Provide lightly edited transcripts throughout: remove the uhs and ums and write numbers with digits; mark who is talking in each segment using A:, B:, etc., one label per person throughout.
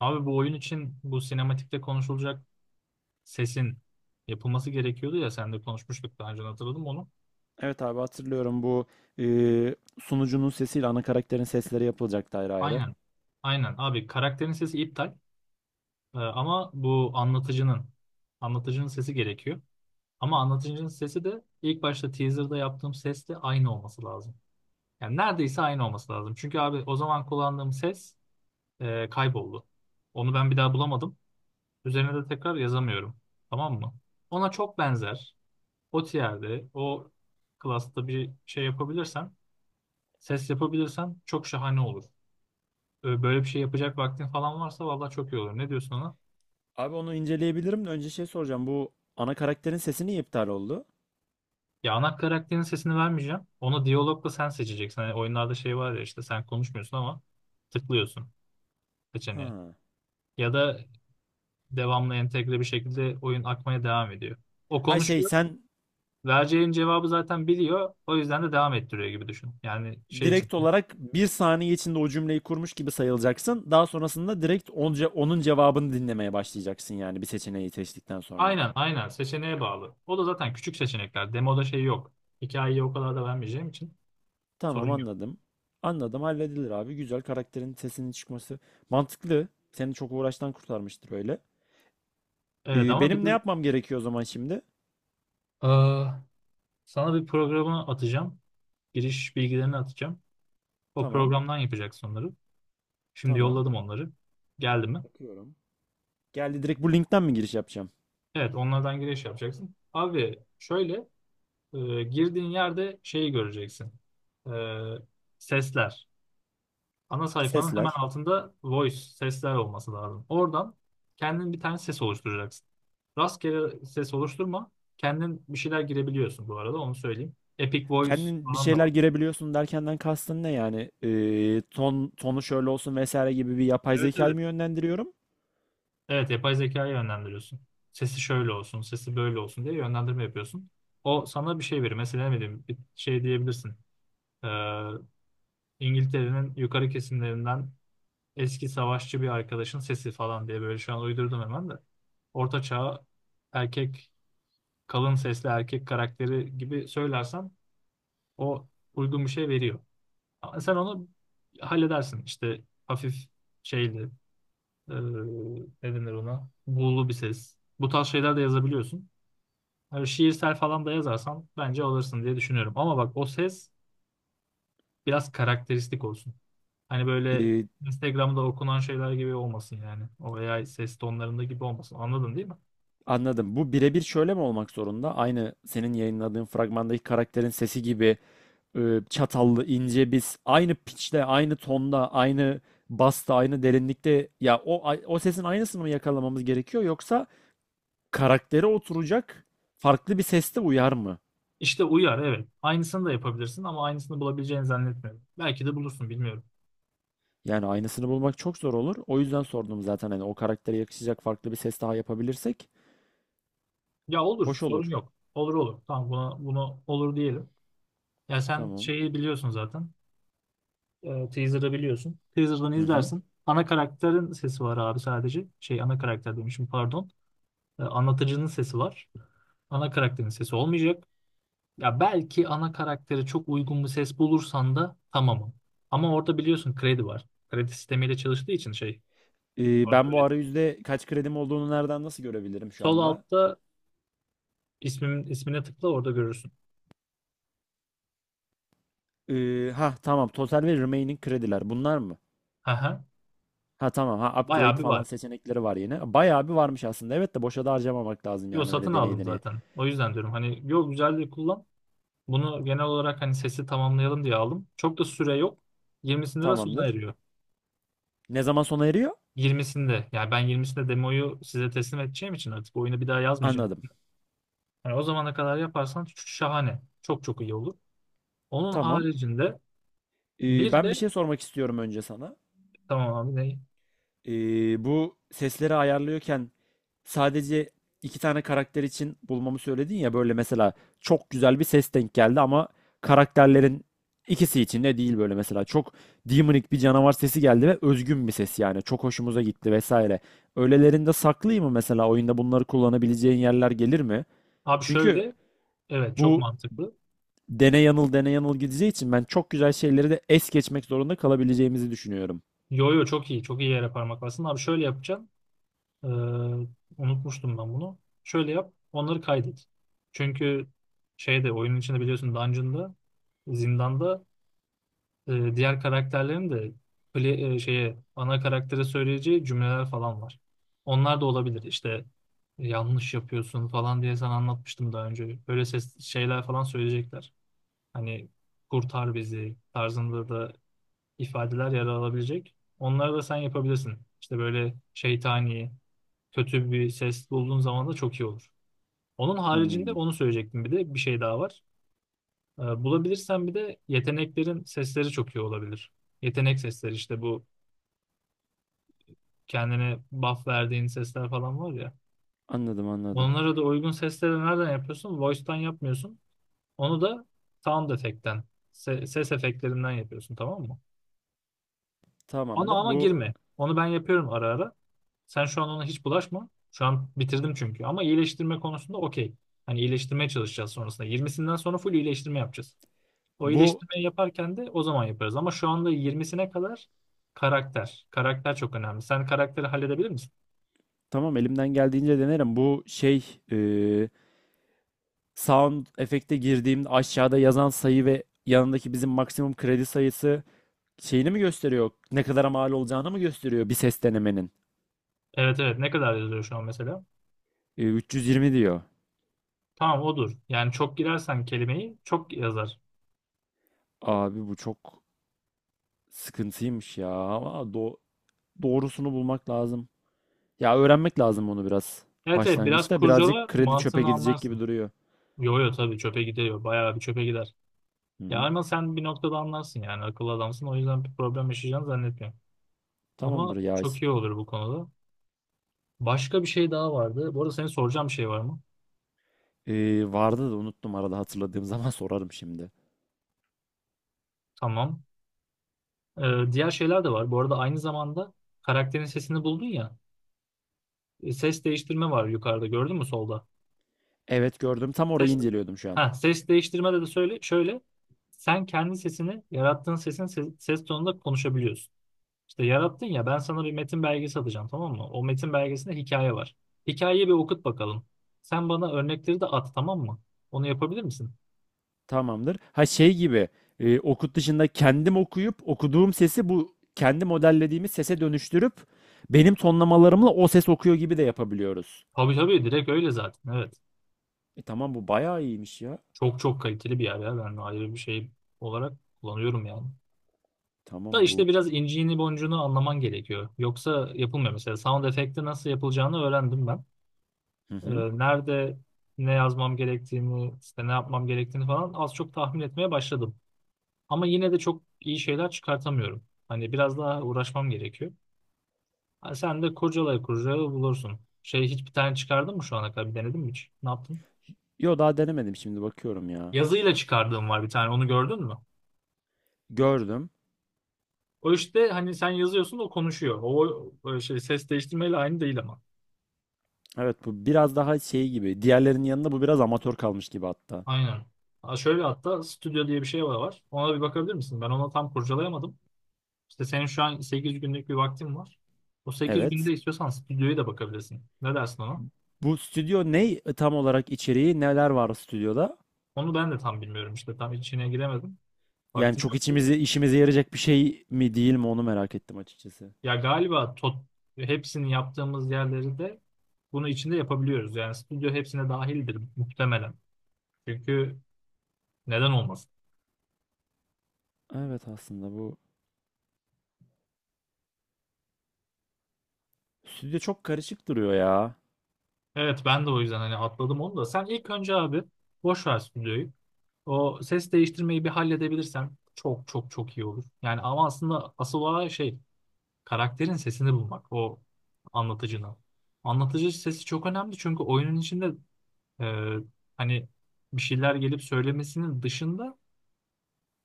A: Abi bu oyun için bu sinematikte konuşulacak sesin yapılması gerekiyordu ya, sen de konuşmuştuk daha önce, hatırladım onu.
B: Evet abi, hatırlıyorum bu e, sunucunun sesiyle ana karakterin sesleri yapılacaktı ayrı ayrı.
A: Aynen. Aynen abi, karakterin sesi iptal. Ama bu anlatıcının sesi gerekiyor. Ama anlatıcının sesi de ilk başta teaser'da yaptığım sesle aynı olması lazım. Yani neredeyse aynı olması lazım. Çünkü abi o zaman kullandığım ses kayboldu. Onu ben bir daha bulamadım. Üzerine de tekrar yazamıyorum. Tamam mı? Ona çok benzer. O tierde, o klasta bir şey yapabilirsen, ses yapabilirsen çok şahane olur. Böyle bir şey yapacak vaktin falan varsa vallahi çok iyi olur. Ne diyorsun ona?
B: Abi onu inceleyebilirim de önce şey soracağım. Bu ana karakterin sesi niye iptal oldu?
A: Ya ana karakterin sesini vermeyeceğim. Onu diyalogla sen seçeceksin. Hani oyunlarda şey var ya, işte sen konuşmuyorsun ama tıklıyorsun seçeneği.
B: Ha.
A: Ya da devamlı entegre bir şekilde oyun akmaya devam ediyor. O
B: Ha şey
A: konuşuyor.
B: sen
A: Vereceğin cevabı zaten biliyor. O yüzden de devam ettiriyor gibi düşün. Yani şey için.
B: direkt olarak bir saniye içinde o cümleyi kurmuş gibi sayılacaksın. Daha sonrasında direkt onun cevabını dinlemeye başlayacaksın, yani bir seçeneği seçtikten sonra.
A: Aynen aynen, seçeneğe bağlı. O da zaten küçük seçenekler. Demoda şey yok. Hikayeyi o kadar da vermeyeceğim için
B: Tamam,
A: sorun yok.
B: anladım. Anladım, halledilir abi. Güzel, karakterin sesinin çıkması. Mantıklı. Seni çok uğraştan kurtarmıştır öyle.
A: Evet ama bir
B: Benim
A: de
B: ne yapmam gerekiyor o zaman şimdi?
A: eee, sana bir programı atacağım. Giriş bilgilerini atacağım. O
B: Tamam.
A: programdan yapacaksın onları. Şimdi
B: Tamam.
A: yolladım onları. Geldi mi?
B: Bakıyorum. Geldi, direkt bu linkten mi giriş yapacağım?
A: Evet, onlardan giriş yapacaksın. Abi şöyle, girdiğin yerde şeyi göreceksin. Eee, sesler. Ana sayfanın hemen
B: Sesler.
A: altında voice, sesler olması lazım. Oradan kendin bir tane ses oluşturacaksın. Rastgele ses oluşturma. Kendin bir şeyler girebiliyorsun bu arada, onu söyleyeyim. Epic Voice
B: Kendin bir
A: falan da
B: şeyler
A: var.
B: girebiliyorsun derkenden kastın ne yani? Ton tonu şöyle olsun vesaire gibi bir yapay
A: Evet
B: zekayı
A: evet.
B: mı yönlendiriyorum?
A: Evet, yapay zeka'yı yönlendiriyorsun. Sesi şöyle olsun, sesi böyle olsun diye yönlendirme yapıyorsun. O sana bir şey verir. Mesela ne bileyim bir şey diyebilirsin. Ee, İngiltere'nin yukarı kesimlerinden eski savaşçı bir arkadaşın sesi falan diye, böyle şu an uydurdum hemen de. Orta çağ erkek, kalın sesli erkek karakteri gibi söylersen o uygun bir şey veriyor. Ama sen onu halledersin. İşte hafif şeyli, e, ne denir ona? Buğulu bir ses. Bu tarz şeyler de yazabiliyorsun. Yani şiirsel falan da yazarsan bence alırsın diye düşünüyorum. Ama bak, o ses biraz karakteristik olsun. Hani böyle
B: Ee,
A: Instagram'da okunan şeyler gibi olmasın yani. O AI ses tonlarında gibi olmasın. Anladın değil mi?
B: Anladım. Bu birebir şöyle mi olmak zorunda? Aynı senin yayınladığın fragmandaki karakterin sesi gibi çatallı, ince, biz aynı pitch'te, aynı tonda, aynı basta, aynı derinlikte, ya o sesin aynısını mı yakalamamız gerekiyor, yoksa karaktere oturacak farklı bir seste uyar mı?
A: İşte uyar, evet. Aynısını da yapabilirsin ama aynısını bulabileceğini zannetmiyorum. Belki de bulursun, bilmiyorum.
B: Yani aynısını bulmak çok zor olur. O yüzden sordum zaten, hani o karaktere yakışacak farklı bir ses daha yapabilirsek
A: Ya olur,
B: hoş
A: sorun
B: olur.
A: yok. Olur olur. Tamam buna, bunu olur diyelim. Ya sen
B: Tamam.
A: şeyi biliyorsun zaten. Teaser'ı biliyorsun. Teaser'dan
B: Hı hı.
A: izlersin. Ana karakterin sesi var abi sadece. Şey, ana karakter demişim, pardon. Anlatıcının sesi var. Ana karakterin sesi olmayacak. Ya belki ana karaktere çok uygun bir ses bulursan da tamamım. Ama orada biliyorsun kredi var. Kredi sistemiyle çalıştığı için şey orada
B: Ben bu
A: öyle.
B: arayüzde kaç kredim olduğunu nereden nasıl görebilirim şu
A: Sol
B: anda?
A: altta ismin, ismine tıkla, orada görürsün.
B: Ha tamam, total ve remaining krediler bunlar mı?
A: Hı hı.
B: Ha tamam, ha
A: Bayağı
B: upgrade
A: bir
B: falan
A: var.
B: seçenekleri var yine. Bayağı bir varmış aslında. Evet, de boşa da harcamamak lazım
A: Yo,
B: yani,
A: satın
B: öyle deney
A: aldım
B: deneye.
A: zaten. O yüzden diyorum hani, yo güzel diye kullan. Bunu genel olarak hani sesi tamamlayalım diye aldım. Çok da süre yok. Yirmisinde de sona
B: Tamamdır.
A: eriyor.
B: Ne zaman sona eriyor?
A: Yirmisinde, yani ben yirmisinde demoyu size teslim edeceğim için artık oyunu bir daha yazmayacağım.
B: Anladım.
A: Yani o zamana kadar yaparsan şahane. Çok çok iyi olur. Onun
B: Tamam.
A: haricinde bir
B: Ben bir
A: de
B: şey sormak istiyorum önce sana.
A: tamam abi ne?
B: Bu sesleri ayarlıyorken sadece iki tane karakter için bulmamı söyledin ya, böyle mesela çok güzel bir ses denk geldi ama karakterlerin ikisi için de değil, böyle mesela çok demonik bir canavar sesi geldi ve özgün bir ses, yani çok hoşumuza gitti vesaire. Öylelerinde saklayayım mı mesela, oyunda bunları kullanabileceğin yerler gelir mi?
A: Abi
B: Çünkü
A: şöyle, evet çok
B: bu
A: mantıklı.
B: dene yanıl dene yanıl gideceği için ben çok güzel şeyleri de es geçmek zorunda kalabileceğimizi düşünüyorum.
A: Yo yo, çok iyi çok iyi yere parmak bastın. Abi şöyle yapacaksın. Ee, unutmuştum ben bunu. Şöyle yap, onları kaydet. Çünkü şeyde, oyunun içinde biliyorsun dungeon'da, zindanda diğer karakterlerin de şeye, ana karaktere söyleyeceği cümleler falan var. Onlar da olabilir. İşte yanlış yapıyorsun falan diye sana anlatmıştım daha önce. Böyle ses şeyler falan söyleyecekler. Hani kurtar bizi tarzında da ifadeler yer alabilecek. Onları da sen yapabilirsin. İşte böyle şeytani, kötü bir ses bulduğun zaman da çok iyi olur. Onun haricinde
B: Anladım.
A: onu söyleyecektim, bir de bir şey daha var. Bulabilirsen bir de yeteneklerin sesleri çok iyi olabilir. Yetenek sesleri, işte bu kendine buff verdiğin sesler falan var ya.
B: Anladım, anladım.
A: Onlara da uygun sesleri nereden yapıyorsun? Voice'tan yapmıyorsun. Onu da sound effect'ten, ses efektlerinden yapıyorsun, tamam mı? Ona
B: Tamamdır.
A: ama
B: Bu
A: girme. Onu ben yapıyorum ara ara. Sen şu an ona hiç bulaşma. Şu an bitirdim çünkü. Ama iyileştirme konusunda okey. Hani iyileştirmeye çalışacağız sonrasında. Yirmisinden sonra full iyileştirme yapacağız. O
B: bu
A: iyileştirmeyi yaparken de o zaman yaparız. Ama şu anda yirmisine kadar karakter. Karakter çok önemli. Sen karakteri halledebilir misin?
B: tamam, elimden geldiğince denerim. Bu şey sound efekte girdiğimde aşağıda yazan sayı ve yanındaki bizim maksimum kredi sayısı şeyini mi gösteriyor? Ne kadar mal olacağını mı gösteriyor bir ses denemenin?
A: Evet evet, ne kadar yazıyor şu an mesela?
B: 320 diyor.
A: Tamam, odur. Yani çok girersen kelimeyi çok yazar.
B: Abi bu çok sıkıntıymış ya. Ama doğrusunu bulmak lazım. Ya öğrenmek lazım onu biraz.
A: Evet evet, biraz
B: Başlangıçta birazcık
A: kurcala,
B: kredi çöpe
A: mantığını
B: gidecek
A: anlarsın.
B: gibi duruyor.
A: Yo yo, tabii çöpe gidiyor. Bayağı bir çöpe gider.
B: Hı
A: Ya
B: hı.
A: ama sen bir noktada anlarsın, yani akıllı adamsın, o yüzden bir problem yaşayacağını zannetmiyorum.
B: Tamamdır
A: Ama
B: ya.
A: çok iyi olur bu konuda. Başka bir şey daha vardı. Bu arada senin, soracağım bir şey var mı?
B: Vardı da unuttum, arada hatırladığım zaman sorarım şimdi.
A: Tamam. Diğer şeyler de var. Bu arada aynı zamanda karakterin sesini buldun ya. E, ses değiştirme var yukarıda, gördün mü solda?
B: Evet, gördüm. Tam orayı
A: Ses,
B: inceliyordum şu an.
A: ha, ses değiştirme de, de söyle, şöyle. Sen kendi sesini, yarattığın sesin ses tonunda konuşabiliyorsun. İşte yarattın ya, ben sana bir metin belgesi atacağım, tamam mı? O metin belgesinde hikaye var. Hikayeyi bir okut bakalım. Sen bana örnekleri de at, tamam mı? Onu yapabilir misin?
B: Tamamdır. Ha şey gibi, okut dışında kendim okuyup okuduğum sesi bu kendi modellediğimiz sese dönüştürüp benim tonlamalarımla o ses okuyor gibi de yapabiliyoruz.
A: Tabii tabii, direkt öyle zaten, evet.
B: E tamam, bu bayağı iyiymiş ya.
A: Çok çok kaliteli bir yer ya, ben ayrı bir şey olarak kullanıyorum yani. Da
B: Tamam
A: işte
B: bu.
A: biraz inciğini boncuğunu anlaman gerekiyor. Yoksa yapılmıyor, mesela sound efekti nasıl yapılacağını öğrendim ben.
B: Hı hı.
A: Nerede ne yazmam gerektiğini, işte ne yapmam gerektiğini falan az çok tahmin etmeye başladım. Ama yine de çok iyi şeyler çıkartamıyorum. Hani biraz daha uğraşmam gerekiyor. Hani sen de kurcalaya kurcalaya bulursun. Şey, hiç bir tane çıkardın mı şu ana kadar? Bir denedin mi hiç? Ne yaptın?
B: Yo, daha denemedim, şimdi bakıyorum ya.
A: Yazıyla çıkardığım var bir tane. Onu gördün mü?
B: Gördüm.
A: O işte, hani sen yazıyorsun, o konuşuyor. O, o şey ses değiştirmeyle aynı değil ama.
B: Evet, bu biraz daha şey gibi. Diğerlerinin yanında bu biraz amatör kalmış gibi hatta.
A: Aynen. Ha, şöyle, hatta stüdyo diye bir şey var. Ona bir bakabilir misin? Ben ona tam kurcalayamadım. İşte senin şu an 8 günlük bir vaktin var. O 8 günde
B: Evet.
A: istiyorsan stüdyoya da bakabilirsin. Ne dersin ona?
B: Bu stüdyo ne, tam olarak içeriği neler var stüdyoda?
A: Onu ben de tam bilmiyorum işte. Tam içine giremedim.
B: Yani
A: Vaktim
B: çok
A: yoktu.
B: içimizi işimize yarayacak bir şey mi değil mi, onu merak ettim açıkçası.
A: Ya galiba tot, hepsini yaptığımız yerleri de bunu içinde yapabiliyoruz. Yani stüdyo hepsine dahildir muhtemelen. Çünkü neden olmasın?
B: Evet, aslında bu stüdyo çok karışık duruyor ya.
A: Evet, ben de o yüzden hani atladım onu da. Sen ilk önce abi boş ver stüdyoyu. O ses değiştirmeyi bir halledebilirsen çok çok çok iyi olur. Yani ama aslında asıl olan şey karakterin sesini bulmak, o anlatıcının. Anlatıcı sesi çok önemli, çünkü oyunun içinde e, hani bir şeyler gelip söylemesinin dışında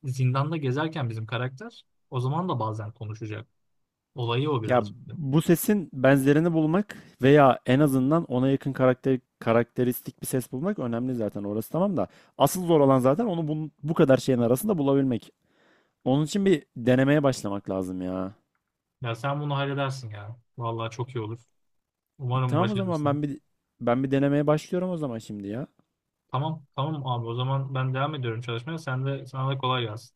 A: zindanda gezerken bizim karakter o zaman da bazen konuşacak. Olayı o
B: Ya
A: biraz.
B: bu sesin benzerini bulmak veya en azından ona yakın karakter karakteristik bir ses bulmak önemli zaten, orası tamam da asıl zor olan zaten onu bu, bu kadar şeyin arasında bulabilmek. Onun için bir denemeye başlamak lazım ya.
A: Ya sen bunu halledersin ya. Vallahi çok iyi olur. Umarım
B: Tamam, o zaman
A: başarırsın.
B: ben bir denemeye başlıyorum o zaman şimdi ya.
A: Tamam, tamam abi. O zaman ben devam ediyorum çalışmaya. Sen de, sana da kolay gelsin.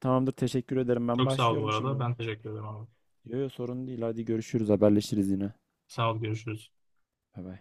B: Tamamdır, teşekkür ederim, ben
A: Çok sağ ol bu
B: başlıyorum şimdi
A: arada.
B: bunu.
A: Ben teşekkür ederim abi.
B: Yok yok, sorun değil, hadi görüşürüz, haberleşiriz yine.
A: Sağ ol, görüşürüz.
B: Bay bay.